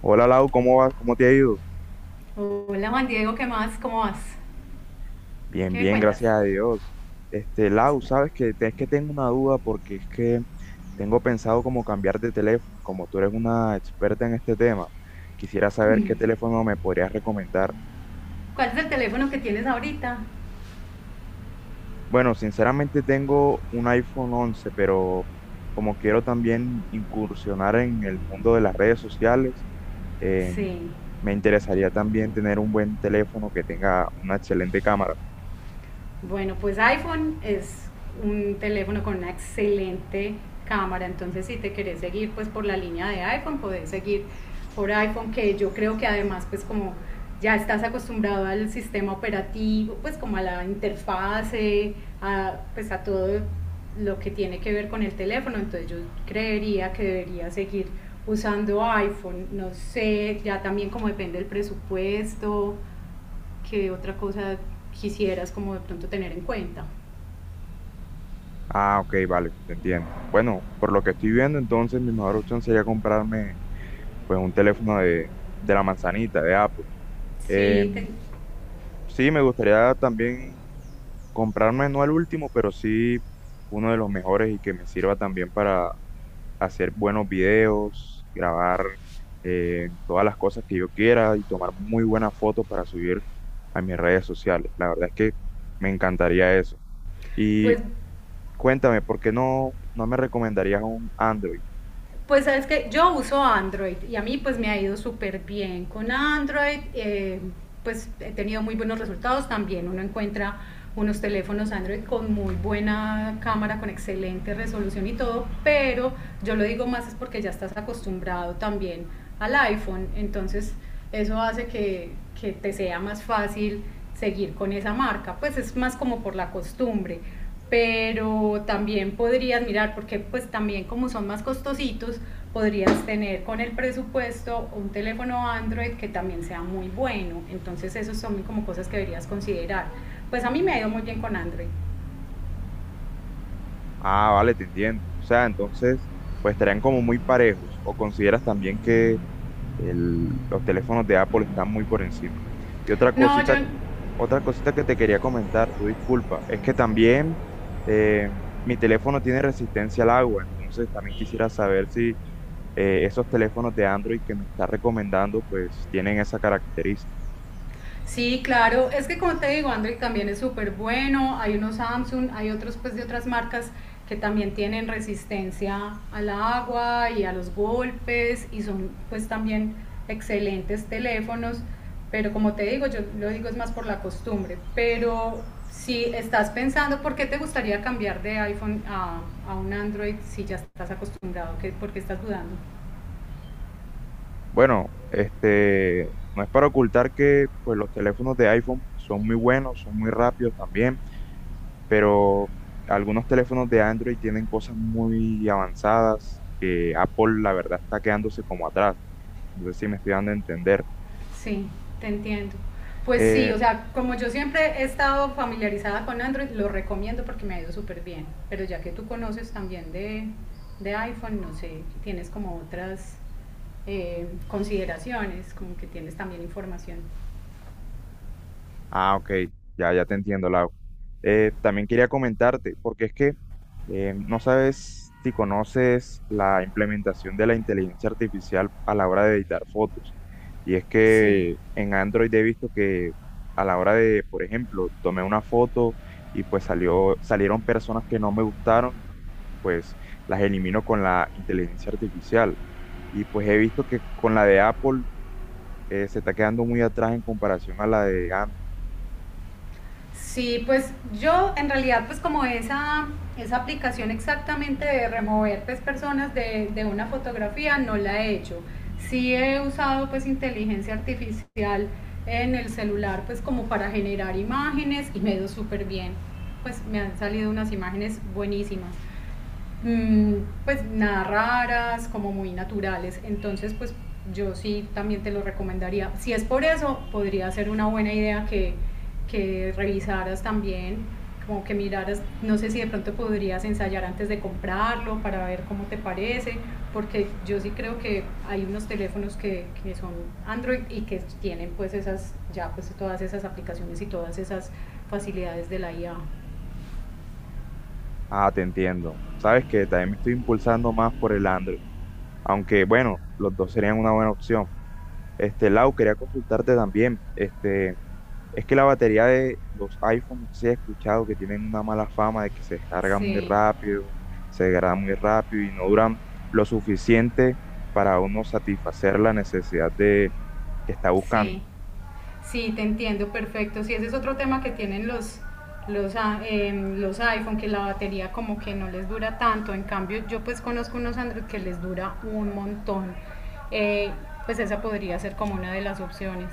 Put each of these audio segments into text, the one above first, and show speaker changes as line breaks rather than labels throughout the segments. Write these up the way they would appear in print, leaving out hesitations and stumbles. Hola Lau, ¿cómo vas? ¿Cómo te ha ido?
Hola Juan Diego, ¿qué más? ¿Cómo vas?
Bien,
¿Qué me
bien,
cuentas?
gracias a Dios. Este,
Más
Lau,
o menos.
es que tengo una duda porque es que tengo pensado como cambiar de teléfono, como tú eres una experta en este tema. Quisiera saber qué teléfono me podrías recomendar.
¿Cuál es el teléfono que tienes ahorita?
Bueno, sinceramente tengo un iPhone 11, pero como quiero también incursionar en el mundo de las redes sociales, eh,
Sí.
me interesaría también tener un buen teléfono que tenga una excelente cámara.
Bueno, pues iPhone es un teléfono con una excelente cámara, entonces si te querés seguir pues por la línea de iPhone, podés seguir por iPhone, que yo creo que además pues como ya estás acostumbrado al sistema operativo, pues como a la interfase, pues a todo lo que tiene que ver con el teléfono, entonces yo creería que debería seguir usando iPhone, no sé, ya también como depende del presupuesto. ¿Qué otra cosa quisieras como de pronto tener en cuenta?
Ah, ok, vale, te entiendo. Bueno, por lo que estoy viendo, entonces mi mejor opción sería comprarme pues un teléfono de la manzanita, de Apple.
Sí, te,
Em, sí, me gustaría también comprarme, no el último, pero sí uno de los mejores y que me sirva también para hacer buenos videos, grabar todas las cosas que yo quiera y tomar muy buenas fotos para subir a mis redes sociales. La verdad es que me encantaría eso. Y
pues
cuéntame, ¿por qué no me recomendarías un Android?
Pues sabes que yo uso Android y a mí pues me ha ido súper bien con Android, pues he tenido muy buenos resultados también, uno encuentra unos teléfonos Android con muy buena cámara, con excelente resolución y todo, pero yo lo digo más es porque ya estás acostumbrado también al iPhone, entonces eso hace que te sea más fácil seguir con esa marca, pues es más como por la costumbre, pero también podrías mirar, porque pues también como son más costositos, podrías tener con el presupuesto un teléfono Android que también sea muy bueno. Entonces, esas son como cosas que deberías considerar. Pues a mí me ha ido muy bien con Android.
Ah, vale, te entiendo. O sea, entonces, pues estarían como muy parejos. ¿O consideras también que los teléfonos de Apple están muy por encima? Y
No, yo
otra cosita que te quería comentar, tu disculpa, es que también eh, mi teléfono tiene resistencia al agua. Entonces, también quisiera saber si esos teléfonos de Android que me estás recomendando, pues tienen esa característica.
sí, claro, es que como te digo, Android también es súper bueno, hay unos Samsung, hay otros pues de otras marcas que también tienen resistencia al agua y a los golpes y son pues también excelentes teléfonos, pero como te digo, yo lo digo es más por la costumbre, pero si estás pensando por qué te gustaría cambiar de iPhone a un Android si ya estás acostumbrado, ¿por qué estás dudando?
Bueno, este, no es para ocultar que pues los teléfonos de iPhone son muy buenos, son muy rápidos también, pero algunos teléfonos de Android tienen cosas muy avanzadas que Apple, la verdad, está quedándose como atrás. No sé si me estoy dando a entender.
Sí, te entiendo. Pues sí,
Eh,
o sea, como yo siempre he estado familiarizada con Android, lo recomiendo porque me ha ido súper bien. Pero ya que tú conoces también de iPhone, no sé, tienes como otras consideraciones, como que tienes también información.
Ah, ok, ya, ya te entiendo, Lau. También quería comentarte, porque es que no sabes si conoces la implementación de la inteligencia artificial a la hora de editar fotos. Y es
Sí.
que en Android he visto que a la hora de, por ejemplo, tomé una foto y pues salieron personas que no me gustaron, pues las elimino con la inteligencia artificial. Y pues he visto que con la de Apple se está quedando muy atrás en comparación a la de Android.
Sí, pues yo en realidad pues como esa aplicación exactamente de remover pues personas de una fotografía no la he hecho. Sí he usado pues inteligencia artificial en el celular pues como para generar imágenes y me ha ido súper bien. Pues me han salido unas imágenes buenísimas mm, pues nada raras, como muy naturales. Entonces, pues yo sí también te lo recomendaría. Si es por eso, podría ser una buena idea que revisaras también, como que miraras, no sé si de pronto podrías ensayar antes de comprarlo para ver cómo te parece, porque yo sí creo que hay unos teléfonos que son Android y que tienen pues esas, ya pues todas esas aplicaciones y todas esas facilidades de la IA.
Ah, te entiendo. Sabes que también me estoy impulsando más por el Android, aunque bueno, los dos serían una buena opción. Este, Lau, quería consultarte también. Este, es que la batería de los iPhones, no sé si has escuchado que tienen una mala fama de que se descarga muy
Sí,
rápido, se degrada muy rápido y no duran lo suficiente para uno satisfacer la necesidad de que está buscando.
sí. Sí, te entiendo, perfecto. Sí, ese es otro tema que tienen los, los iPhone, que la batería como que no les dura tanto. En cambio, yo pues conozco unos Android que les dura un montón. Eh, pues esa podría ser como una de las opciones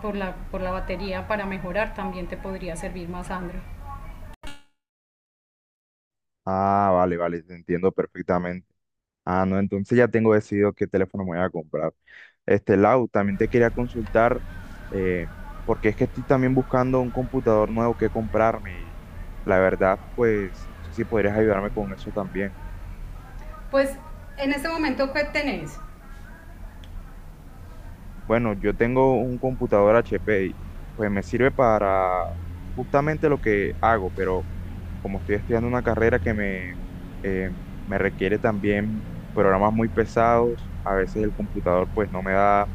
por la batería para mejorar. También te podría servir más Android.
Ah, vale, vale, te entiendo perfectamente. Ah, no, entonces ya tengo decidido qué teléfono me voy a comprar. Este, Lau, también te quería consultar, eh, porque es que estoy también buscando un computador nuevo que comprarme y la verdad, pues, no sé si podrías ayudarme con eso también.
Pues en este momento, ¿qué tenés?
Bueno, yo tengo un computador HP y pues me sirve para justamente lo que hago, pero como estoy estudiando una carrera que me, eh, me requiere también programas muy pesados, a veces el computador pues no me da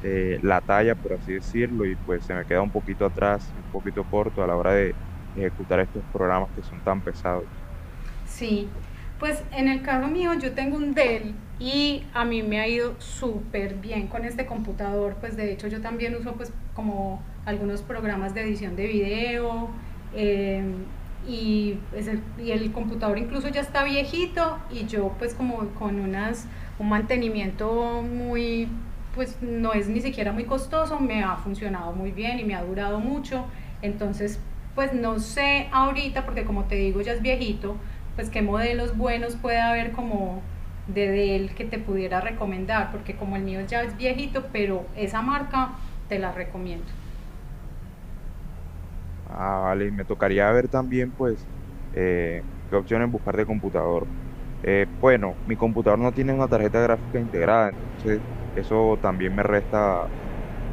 la talla, por así decirlo, y pues se me queda un poquito atrás y un poquito corto a la hora de ejecutar estos programas que son tan pesados.
Sí, pues en el caso mío yo tengo un Dell y a mí me ha ido súper bien con este computador, pues de hecho yo también uso pues como algunos programas de edición de video, eh, y el computador incluso ya está viejito y yo pues como con un mantenimiento muy, pues no es ni siquiera muy costoso, me ha funcionado muy bien y me ha durado mucho, entonces pues no sé ahorita porque como te digo ya es viejito, pues qué modelos buenos puede haber como de él que te pudiera recomendar, porque como el mío ya es viejito, pero esa marca te la recomiendo.
Ah, vale, y me tocaría ver también, pues, eh, qué opciones buscar de computador. Bueno, mi computador no tiene una tarjeta gráfica integrada, entonces eso también me resta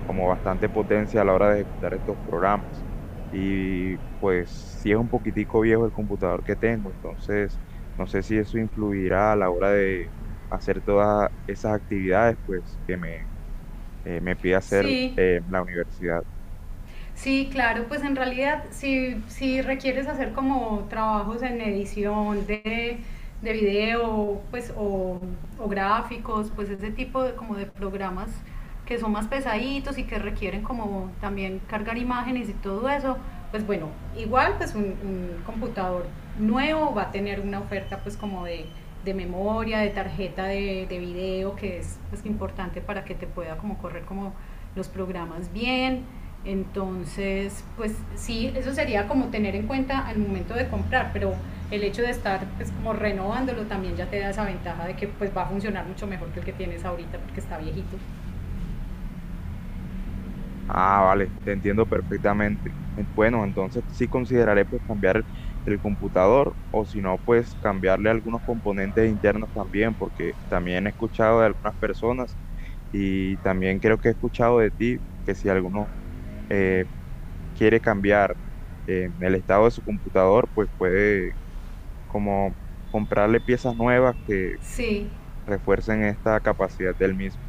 como bastante potencia a la hora de ejecutar estos programas. Y pues sí es un poquitico viejo el computador que tengo, entonces no sé si eso influirá a la hora de hacer todas esas actividades pues que me, me pide hacer
Sí,
la universidad.
sí, claro, pues en realidad si requieres hacer como trabajos en edición de video pues, o gráficos, pues ese tipo de, como de programas que son más pesaditos y que requieren como también cargar imágenes y todo eso, pues bueno, igual pues un computador nuevo va a tener una oferta pues como de memoria, de tarjeta de video, que es pues, importante para que te pueda como correr como los programas bien. Entonces, pues sí, eso sería como tener en cuenta al momento de comprar, pero el hecho de estar pues como renovándolo también ya te da esa ventaja de que pues va a funcionar mucho mejor que el que tienes ahorita porque está viejito.
Ah, vale, te entiendo perfectamente. Bueno, entonces sí consideraré pues cambiar el computador o si no pues cambiarle algunos componentes internos también, porque también he escuchado de algunas personas. Y también creo que he escuchado de ti que si alguno eh, quiere cambiar el estado de su computador, pues puede como comprarle piezas nuevas que
Sí,
refuercen esta capacidad del mismo.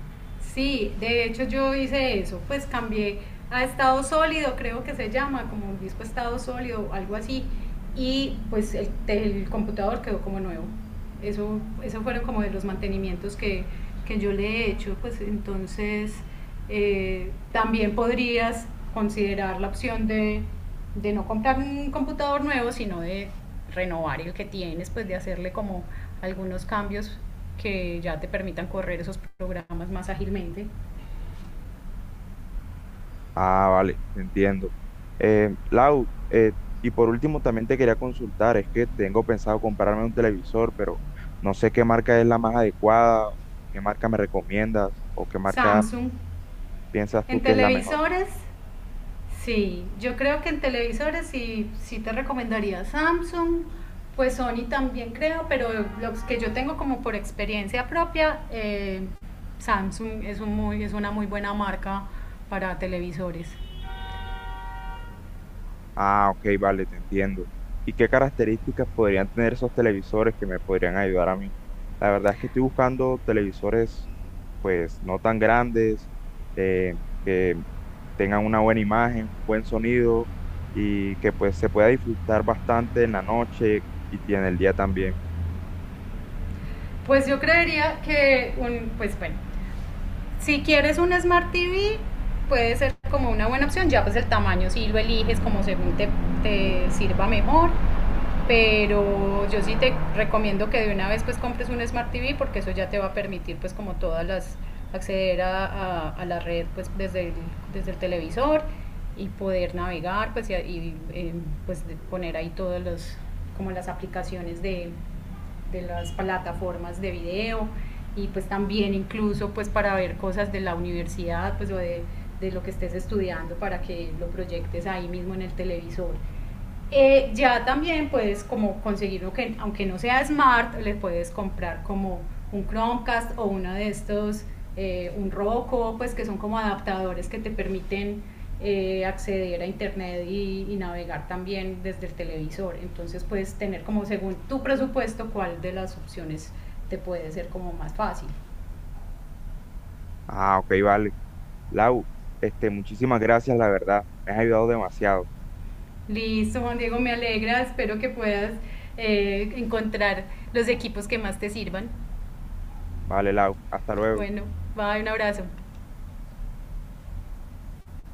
sí, de hecho yo hice eso, pues cambié a estado sólido, creo que se llama, como un disco estado sólido, algo así, y pues el computador quedó como nuevo. Eso, esos fueron como de los mantenimientos que yo le he hecho, pues entonces también podrías considerar la opción de no comprar un computador nuevo, sino de renovar el que tienes, pues de hacerle como algunos cambios que ya te permitan correr esos programas más ágilmente.
Ah, vale, entiendo. Lau, y por último también te quería consultar, es que tengo pensado comprarme un televisor, pero no sé qué marca es la más adecuada, qué marca me recomiendas o qué marca
Samsung.
piensas tú
En
que es la mejor.
televisores, sí, yo creo que en televisores sí, sí te recomendaría Samsung, pues Sony también creo, pero los que yo tengo como por experiencia propia, Samsung es una muy buena marca para televisores.
Ah, ok, vale, te entiendo. ¿Y qué características podrían tener esos televisores que me podrían ayudar a mí? La verdad es que estoy buscando televisores, pues, no tan grandes, que tengan una buena imagen, buen sonido y que, pues, se pueda disfrutar bastante en la noche y en el día también.
Pues yo creería que, pues bueno, si quieres un Smart TV, puede ser como una buena opción, ya pues el tamaño si lo eliges como según te sirva mejor. Pero yo sí te recomiendo que de una vez pues compres un Smart TV porque eso ya te va a permitir pues como todas las acceder a la red pues desde el televisor y poder navegar pues pues poner ahí todos los como las aplicaciones de las plataformas de video y pues también incluso pues para ver cosas de la universidad pues o de lo que estés estudiando para que lo proyectes ahí mismo en el televisor ya también puedes como conseguirlo que, aunque no sea smart, le puedes comprar como un Chromecast o uno de estos, un Roku, pues que son como adaptadores que te permiten acceder a internet navegar también desde el televisor. Entonces puedes tener como según tu presupuesto cuál de las opciones te puede ser como más fácil.
Ah, ok, vale. Lau, este, muchísimas gracias, la verdad. Me has ayudado demasiado.
Listo, Juan Diego, me alegra, espero que puedas encontrar los equipos que más te sirvan.
Vale, Lau, hasta luego.
Bueno, bye, un abrazo.